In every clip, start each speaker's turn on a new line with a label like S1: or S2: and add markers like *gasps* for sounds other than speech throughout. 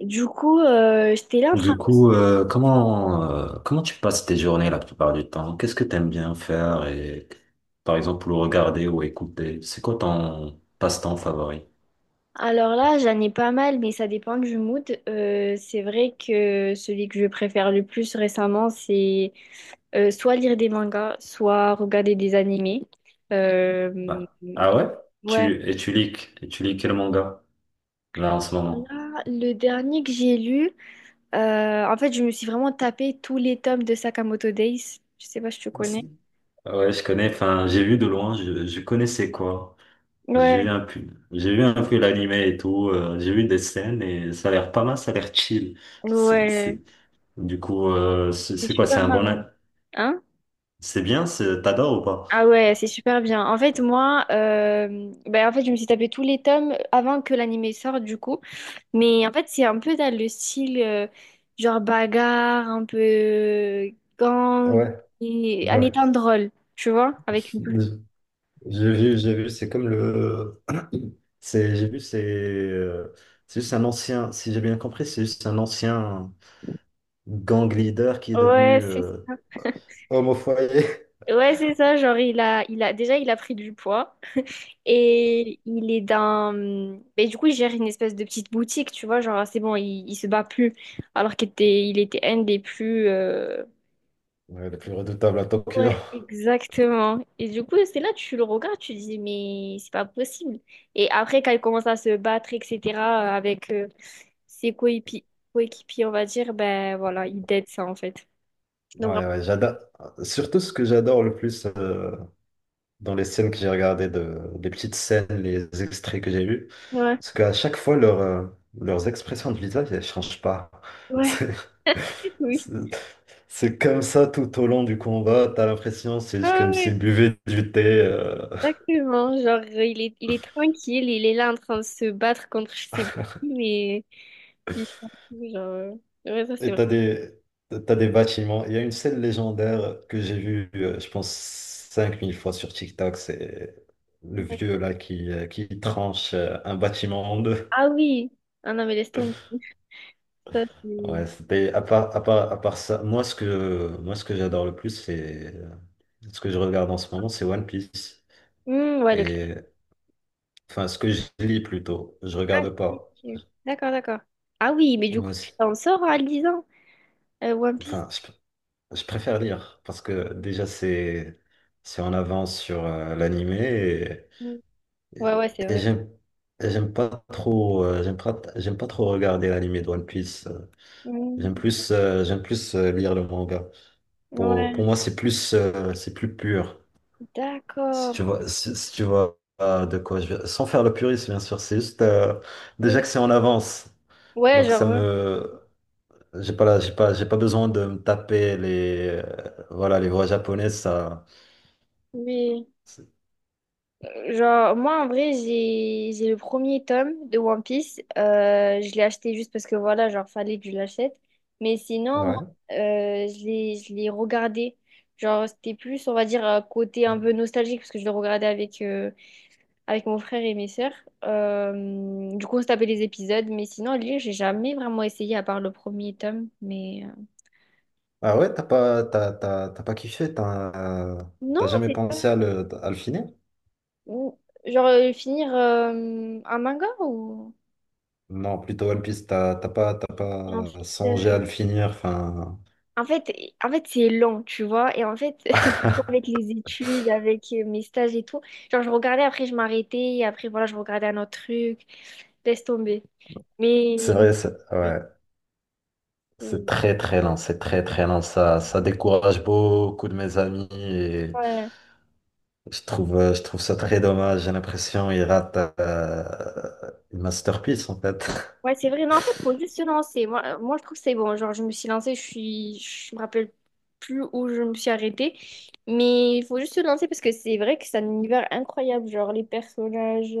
S1: Du coup, j'étais là en train
S2: Du
S1: de...
S2: coup, comment, comment tu passes tes journées la plupart du temps? Qu'est-ce que tu aimes bien faire et, par exemple, le regarder ou écouter? C'est quoi ton passe-temps favori?
S1: Alors là, j'en ai pas mal, mais ça dépend du mood. C'est vrai que celui que je préfère le plus récemment, c'est soit lire des mangas, soit regarder des animés. Euh,
S2: Ah, ah ouais?
S1: ouais.
S2: Tu, et tu lis quel manga, là, en ce moment?
S1: Là, le dernier que j'ai lu, en fait, je me suis vraiment tapé tous les tomes de Sakamoto Days. Je sais pas si tu
S2: C'est-
S1: connais.
S2: Ouais, je connais, enfin, j'ai vu de loin, je connaissais quoi. J'ai vu
S1: Ouais,
S2: un peu, j'ai vu un peu l'animé et tout, j'ai vu des scènes et ça a l'air pas mal, ça a l'air chill. C'est- c'est-
S1: ouais.
S2: Du coup, c'est
S1: C'est
S2: c'est quoi, c'est
S1: super
S2: un bon,
S1: marrant. Hein.
S2: c'est bien, t'adores ou pas?
S1: Ah ouais, c'est super bien. En fait, moi, ben, en fait, je me suis tapé tous les tomes avant que l'animé sorte, du coup. Mais en fait, c'est un peu dans le style, genre bagarre, un peu gang,
S2: Ouais,
S1: en
S2: ouais.
S1: étant drôle, tu vois, avec une touche.
S2: J'ai vu, c'est comme le. C'est, j'ai vu, c'est. C'est juste un ancien, si j'ai bien compris, c'est juste un ancien gang leader qui est
S1: Ouais,
S2: devenu
S1: c'est
S2: homme au foyer. *laughs*
S1: ouais, c'est ça. Genre, déjà, il a pris du poids. Et il est dans... Mais du coup, il gère une espèce de petite boutique, tu vois. Genre, c'est bon, il se bat plus. Alors qu'il était un des plus...
S2: Ouais, le plus redoutable à Tokyo.
S1: Ouais, exactement. Et du coup, c'est là, tu le regardes, tu dis, mais c'est pas possible. Et après, quand il commence à se battre, etc., avec ses coépi- coéquipiers, on va dire, ben voilà, il dead ça, en fait. Donc,
S2: Ouais, ouais, j'adore. Surtout ce que j'adore le plus dans les scènes que j'ai regardées, de les petites scènes, les extraits que j'ai vus,
S1: vraiment, ouais,
S2: parce qu'à chaque fois, leurs expressions de visage, elles changent pas. *laughs*
S1: ouais,
S2: C'est
S1: *laughs* oui.
S2: c'est- c'est comme ça tout au long du combat. T'as l'impression, c'est juste
S1: Ah
S2: comme
S1: ouais,
S2: s'ils buvaient du thé.
S1: exactement. Genre, il est tranquille, il est là en train de se battre contre je sais pas qui, mais il s'en fout, genre, ouais, ça, c'est
S2: Et
S1: vrai.
S2: t'as des bâtiments. Il y a une scène légendaire que j'ai vue, je pense, 5000 fois sur TikTok. C'est le vieux là qui tranche un bâtiment en deux.
S1: Ah oui, ah non, mais laisse tomber. Ça, c'est...
S2: Ouais, c'était à part, à part, à part ça, moi ce que j'adore le plus, c'est ce que je regarde en ce moment, c'est One Piece.
S1: Hmm, ouais, le.
S2: Et enfin ce que je lis plutôt, je
S1: Ah,
S2: regarde
S1: si,
S2: pas.
S1: si. D'accord, d'accord. Ah oui, mais du coup,
S2: Moi,
S1: tu
S2: c'est-
S1: t'en sors en lisant One Piece.
S2: enfin je préfère lire parce que déjà c'est en avance sur l'animé
S1: Mm.
S2: et,
S1: Ouais,
S2: et,
S1: ouais, c'est
S2: et
S1: vrai.
S2: j'aime et j'aime pas trop j'aime pas trop regarder l'animé de One Piece.
S1: Mm.
S2: J'aime plus lire le manga. Pour
S1: Ouais,
S2: moi c'est plus pur. Si tu
S1: d'accord.
S2: vois, si tu vois de quoi je sans faire le puriste, bien sûr, c'est juste déjà
S1: Oui.
S2: que c'est en avance.
S1: Ouais,
S2: Donc ça
S1: genre, ouais.
S2: me. J'ai pas là, j'ai pas besoin de me taper les. Voilà, les voix japonaises, ça.
S1: Oui.
S2: c'est-
S1: Genre, moi, en vrai, j'ai le premier tome de One Piece. Je l'ai acheté juste parce que, voilà, genre, fallait que je l'achète. Mais sinon, moi,
S2: Ouais.
S1: je l'ai regardé. Genre, c'était plus, on va dire, un côté un peu nostalgique parce que je le regardais avec... avec mon frère et mes sœurs. Du coup, on se tapait les épisodes, mais sinon, à lire, j'ai jamais vraiment essayé à part le premier tome. Mais
S2: Ah ouais, t'as pas kiffé,
S1: non,
S2: t'as jamais
S1: c'est pas.
S2: pensé à à le finir?
S1: ou- genre finir un manga ou.
S2: Non, plutôt One Piece, t'as
S1: Et en fait,
S2: pas songé
S1: euh,
S2: à le finir, enfin.
S1: en fait, en fait, c'est lent, tu vois. Et en fait, *laughs* avec les études, avec mes stages et tout, genre je regardais, après je m'arrêtais, et après voilà, je regardais un autre truc, laisse tomber. Mais ouais,
S2: Ouais. C'est
S1: c'est-
S2: très très lent, c'est très très lent. Ça décourage beaucoup de mes amis et
S1: ouais.
S2: je trouve ça très dommage. J'ai l'impression ils ratent une masterpiece en fait.
S1: Ouais, c'est vrai. Non, en fait, faut juste se lancer. Moi, moi je trouve que c'est bon. Genre, je me suis lancée, je suis... je me rappelle plus où je me suis arrêtée. Mais il faut juste se lancer parce que c'est vrai que c'est un univers incroyable. Genre, les personnages,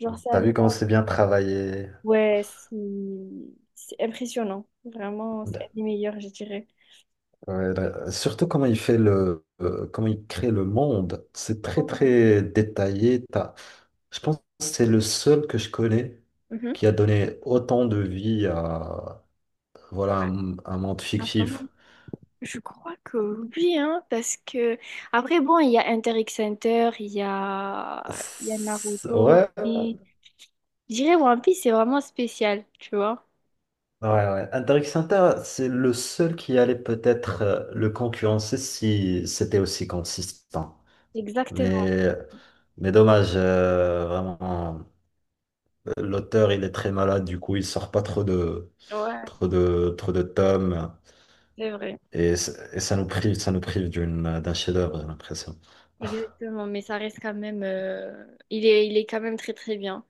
S1: genre, ça.
S2: T'as vu comment c'est bien travaillé?
S1: Ouais, c'est impressionnant. Vraiment, c'est un des meilleurs, je dirais.
S2: Ouais, là, surtout comment il fait comment il crée le monde. C'est très
S1: Ouais.
S2: très détaillé. Je pense que c'est le seul que je connais qui a donné autant de vie à voilà un monde fictif.
S1: Mhm. Je crois que oui, hein, parce que après, bon, il y a Inter X Hunter, il y a Naruto,
S2: Ouais,
S1: et je dirais One Piece, c'est vraiment spécial, tu vois.
S2: ouais, ouais. André Sinta, c'est le seul qui allait peut-être le concurrencer si c'était aussi consistant.
S1: Exactement,
S2: Mais, mais dommage, vraiment. L'auteur, il est très malade, du coup, il sort pas trop
S1: ouais,
S2: trop de tomes.
S1: c'est vrai.
S2: Et, et ça nous prive d'un chef-d'œuvre, j'ai l'impression.
S1: Exactement, mais ça reste quand même, il est quand même très très bien.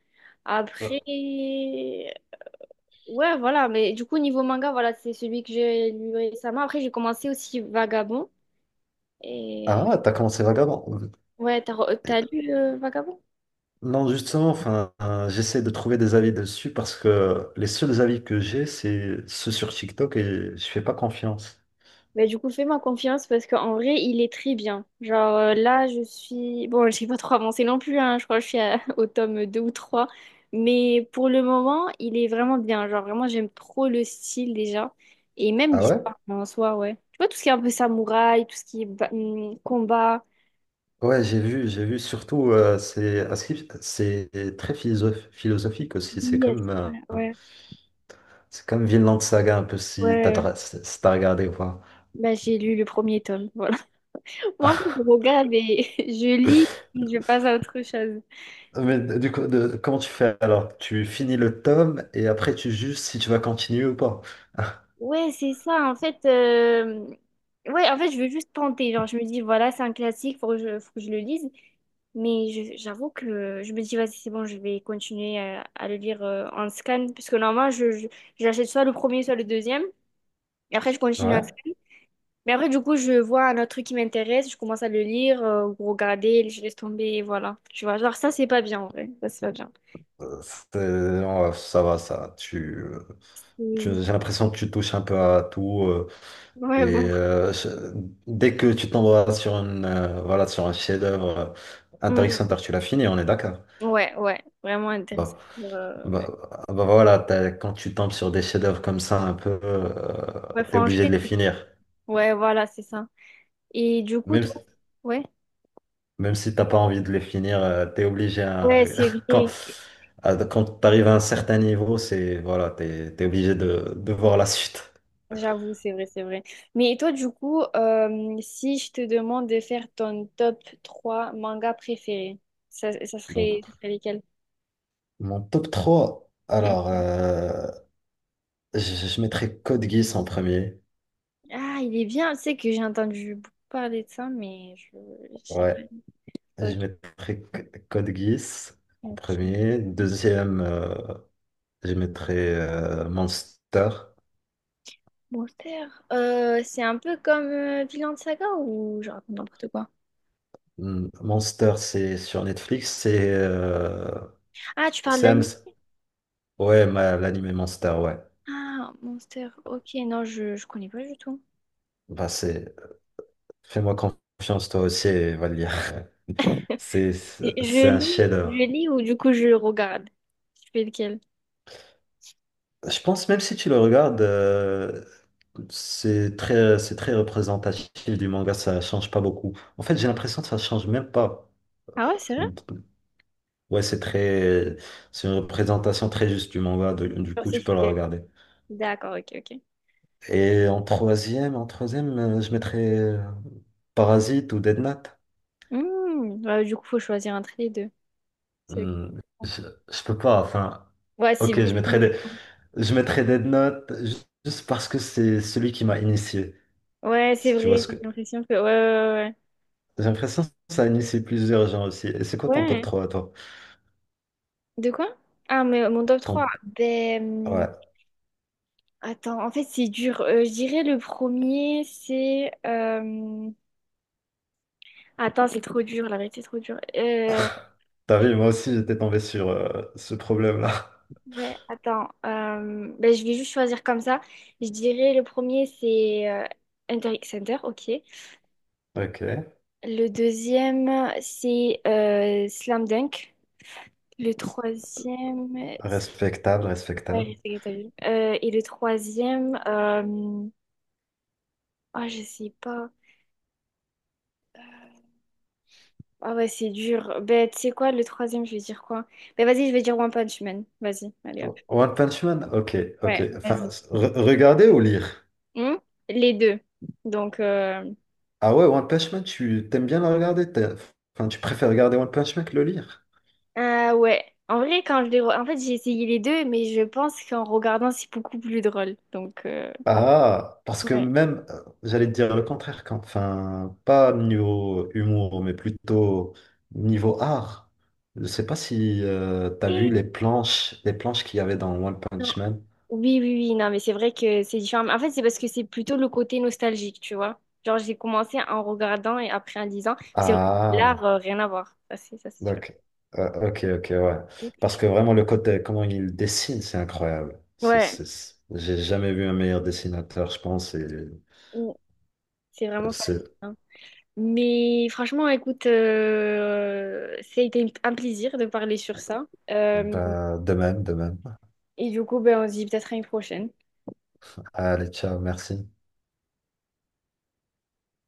S1: Après,
S2: *laughs*
S1: ouais, voilà, mais du coup, niveau manga, voilà, c'est celui que j'ai lu récemment. Après, j'ai commencé aussi Vagabond, et
S2: Ah, t'as commencé Vagabond.
S1: ouais, t'as lu Vagabond?
S2: Non, justement, enfin, j'essaie de trouver des avis dessus parce que les seuls avis que j'ai, c'est ceux sur TikTok et je fais pas confiance.
S1: Bah, du coup, fais-moi confiance parce qu'en vrai, il est très bien. Genre là, je suis... Bon, *laughs* je n'ai pas trop avancé non plus, hein. Je crois que je suis à- *laughs* au tome 2 ou trois. Mais pour le moment, il est vraiment bien. Genre vraiment, j'aime trop le style déjà. Et même
S2: Ah ouais?
S1: l'histoire en soi, ouais. Tu vois, tout ce qui est un peu samouraï, tout ce qui est combat.
S2: Ouais, j'ai vu, j'ai vu. Surtout, c'est très philosophique aussi.
S1: Yes, voilà, ouais.
S2: C'est comme Vinland Saga un peu
S1: Ouais.
S2: si t'as regardé ou pas.
S1: Bah, j'ai lu le premier tome, voilà. *laughs* Moi, en fait,
S2: *laughs*
S1: je regarde et *laughs* je lis et je passe à autre chose.
S2: Mais du coup, comment tu fais alors? Tu finis le tome et après tu juges si tu vas continuer ou pas.
S1: Ouais, c'est ça. En fait, ouais, en fait, je veux juste tenter. Genre, je me dis, voilà, c'est un classique, faut que je le lise. Mais j'avoue que je me dis, vas-y, c'est bon, je vais continuer à le lire en scan. Parce que normalement, j'achète soit le premier, soit le deuxième. Et après, je continue à
S2: Ouais.
S1: scan. Mais après, du coup, je vois un autre truc qui m'intéresse, je commence à le lire, ou regarder, je laisse tomber, et voilà. Tu vois, genre, ça, c'est pas bien, en vrai. Ça, c'est pas bien.
S2: Euh, ouais, ça va, ça.
S1: C'est-
S2: J'ai l'impression que tu touches un peu à tout
S1: ouais,
S2: et
S1: bon.
S2: euh, je- dès que tu tombes voilà, sur voilà, sur un chef-d'œuvre
S1: Mm.
S2: intéressant, tu l'as fini, on est d'accord.
S1: Ouais, ouais, vraiment intéressant.
S2: Bah, bah, voilà, quand tu tombes sur des chefs-d'œuvre comme ça, un peu,
S1: Ouais, faut
S2: t'es
S1: en.
S2: obligé de les finir.
S1: Ouais, voilà, c'est ça. Et du coup,
S2: Même,
S1: toi,
S2: si-
S1: ouais,
S2: Même si t'as pas envie de les finir, t'es obligé
S1: ouais, c'est
S2: *laughs* quand,
S1: vrai.
S2: quand t'arrives à un certain niveau, c'est voilà, t'es obligé de voir la suite.
S1: J'avoue, c'est vrai, c'est vrai. Mais toi, du coup, si je te demande de faire ton top 3 mangas préférés,
S2: Donc,
S1: ça serait lesquels?
S2: mon top 3
S1: Hmm.
S2: alors. Je, je mettrais Code Geass en premier.
S1: Ah, il est bien. Tu sais que j'ai entendu beaucoup parler de ça, mais je sais
S2: Ouais,
S1: pas.
S2: je
S1: Ok,
S2: mettrais Code Geass en
S1: ok.
S2: premier. Deuxième, je mettrais Monster.
S1: Monster. C'est un peu comme Vinland Saga ou je raconte n'importe quoi.
S2: Hmm, Monster, c'est sur Netflix.
S1: Ah, tu parles
S2: C'est Hams.
S1: d'anime?
S2: Ouais, l'anime Monster, ouais.
S1: Ah, Monster. Ok, non, je connais pas du tout.
S2: Bah, c'est Fais-moi confiance, toi aussi, et va le lire. *laughs* C'est
S1: Je
S2: c'est
S1: je
S2: un
S1: lis,
S2: chef.
S1: je lis ou du coup je regarde. Je fais lequel?
S2: Je pense même si tu le regardes, c'est très représentatif du manga, ça change pas beaucoup. En fait, j'ai l'impression que ça change même pas.
S1: Ah ouais, c'est vrai?
S2: Ouais, c'est très, c'est une représentation très juste du manga, du
S1: Genre,
S2: coup,
S1: c'est
S2: tu peux le
S1: fidèle.
S2: regarder.
S1: D'accord, ok, ok.
S2: Et en troisième, je mettrais Parasite ou Dead Note.
S1: Hmm, ouais, du coup, faut choisir entre les deux. C'est-
S2: Hum, je, je peux pas, enfin,
S1: ouais, si,
S2: ok,
S1: si.
S2: je mettrais Dead Note juste parce que c'est celui qui m'a initié,
S1: Ouais, c'est
S2: si tu vois
S1: vrai.
S2: ce
S1: J'ai
S2: que,
S1: l'impression que. Ouais,
S2: j'ai l'impression que ça a initié plusieurs gens aussi. Et c'est quoi
S1: ouais,
S2: ton
S1: ouais.
S2: top
S1: Ouais.
S2: 3 à toi?
S1: De quoi? Ah, mais mon top 3
S2: Ton
S1: ben. Hum,
S2: Ouais.
S1: attends, en fait, c'est dur. Je dirais le premier, c'est. Attends, c'est trop dur, la vérité, c'est trop dur.
S2: *laughs* T'as vu, moi aussi j'étais tombé sur ce problème-là. *laughs*
S1: Ouais, attends. Ben, je vais juste choisir comme ça. Je dirais le premier, c'est Inter X Center, ok.
S2: Ok.
S1: Le deuxième, c'est Slam Dunk. Le troisième,
S2: Respectable,
S1: ouais,
S2: respectable.
S1: Respect à ta vie. Et le troisième, ah, je sais pas. Ah ouais, c'est dur. Ben, tu sais quoi, le troisième, je vais dire quoi? Ben, vas-y, je vais dire One Punch Man. Vas-y, allez hop.
S2: One Punch Man? Ok, ok.
S1: Ouais,
S2: Enfin,
S1: vas-y.
S2: regarder ou lire?
S1: Hmm. Les deux. Donc,
S2: Ah ouais, One Punch Man, tu t'aimes bien le regarder? Enfin, tu préfères regarder One Punch Man que le lire?
S1: Ah ouais. En vrai, quand je les... En fait, j'ai essayé les deux, mais je pense qu'en regardant, c'est beaucoup plus drôle. Donc,
S2: Ah, parce que
S1: ouais. *gasps*
S2: même, j'allais te dire le contraire, enfin, pas niveau humour, mais plutôt niveau art. Je sais pas si tu t'as vu
S1: Eh,
S2: les planches qu'il y avait dans One
S1: non.
S2: Punch Man.
S1: Oui, oui, oui. Non, mais c'est vrai que c'est différent. Mais en fait, c'est parce que c'est plutôt le côté nostalgique, tu vois. Genre, j'ai commencé en regardant et après en disant. C'est vrai que
S2: Ah,
S1: l'art, rien à voir. Ça, c'est sûr.
S2: donc, ok, ok, ouais. Parce que vraiment, le côté, comment il dessine, c'est incroyable.
S1: Ouais.
S2: J'ai jamais vu un meilleur dessinateur, je pense.
S1: Mm. C'est vraiment
S2: Et c'est,
S1: fascinant. Mais franchement, écoute, ça a été un plaisir de parler sur ça.
S2: Bah, de même, de même.
S1: Et du coup, ben, on se dit peut-être à une prochaine.
S2: Allez, ciao, merci.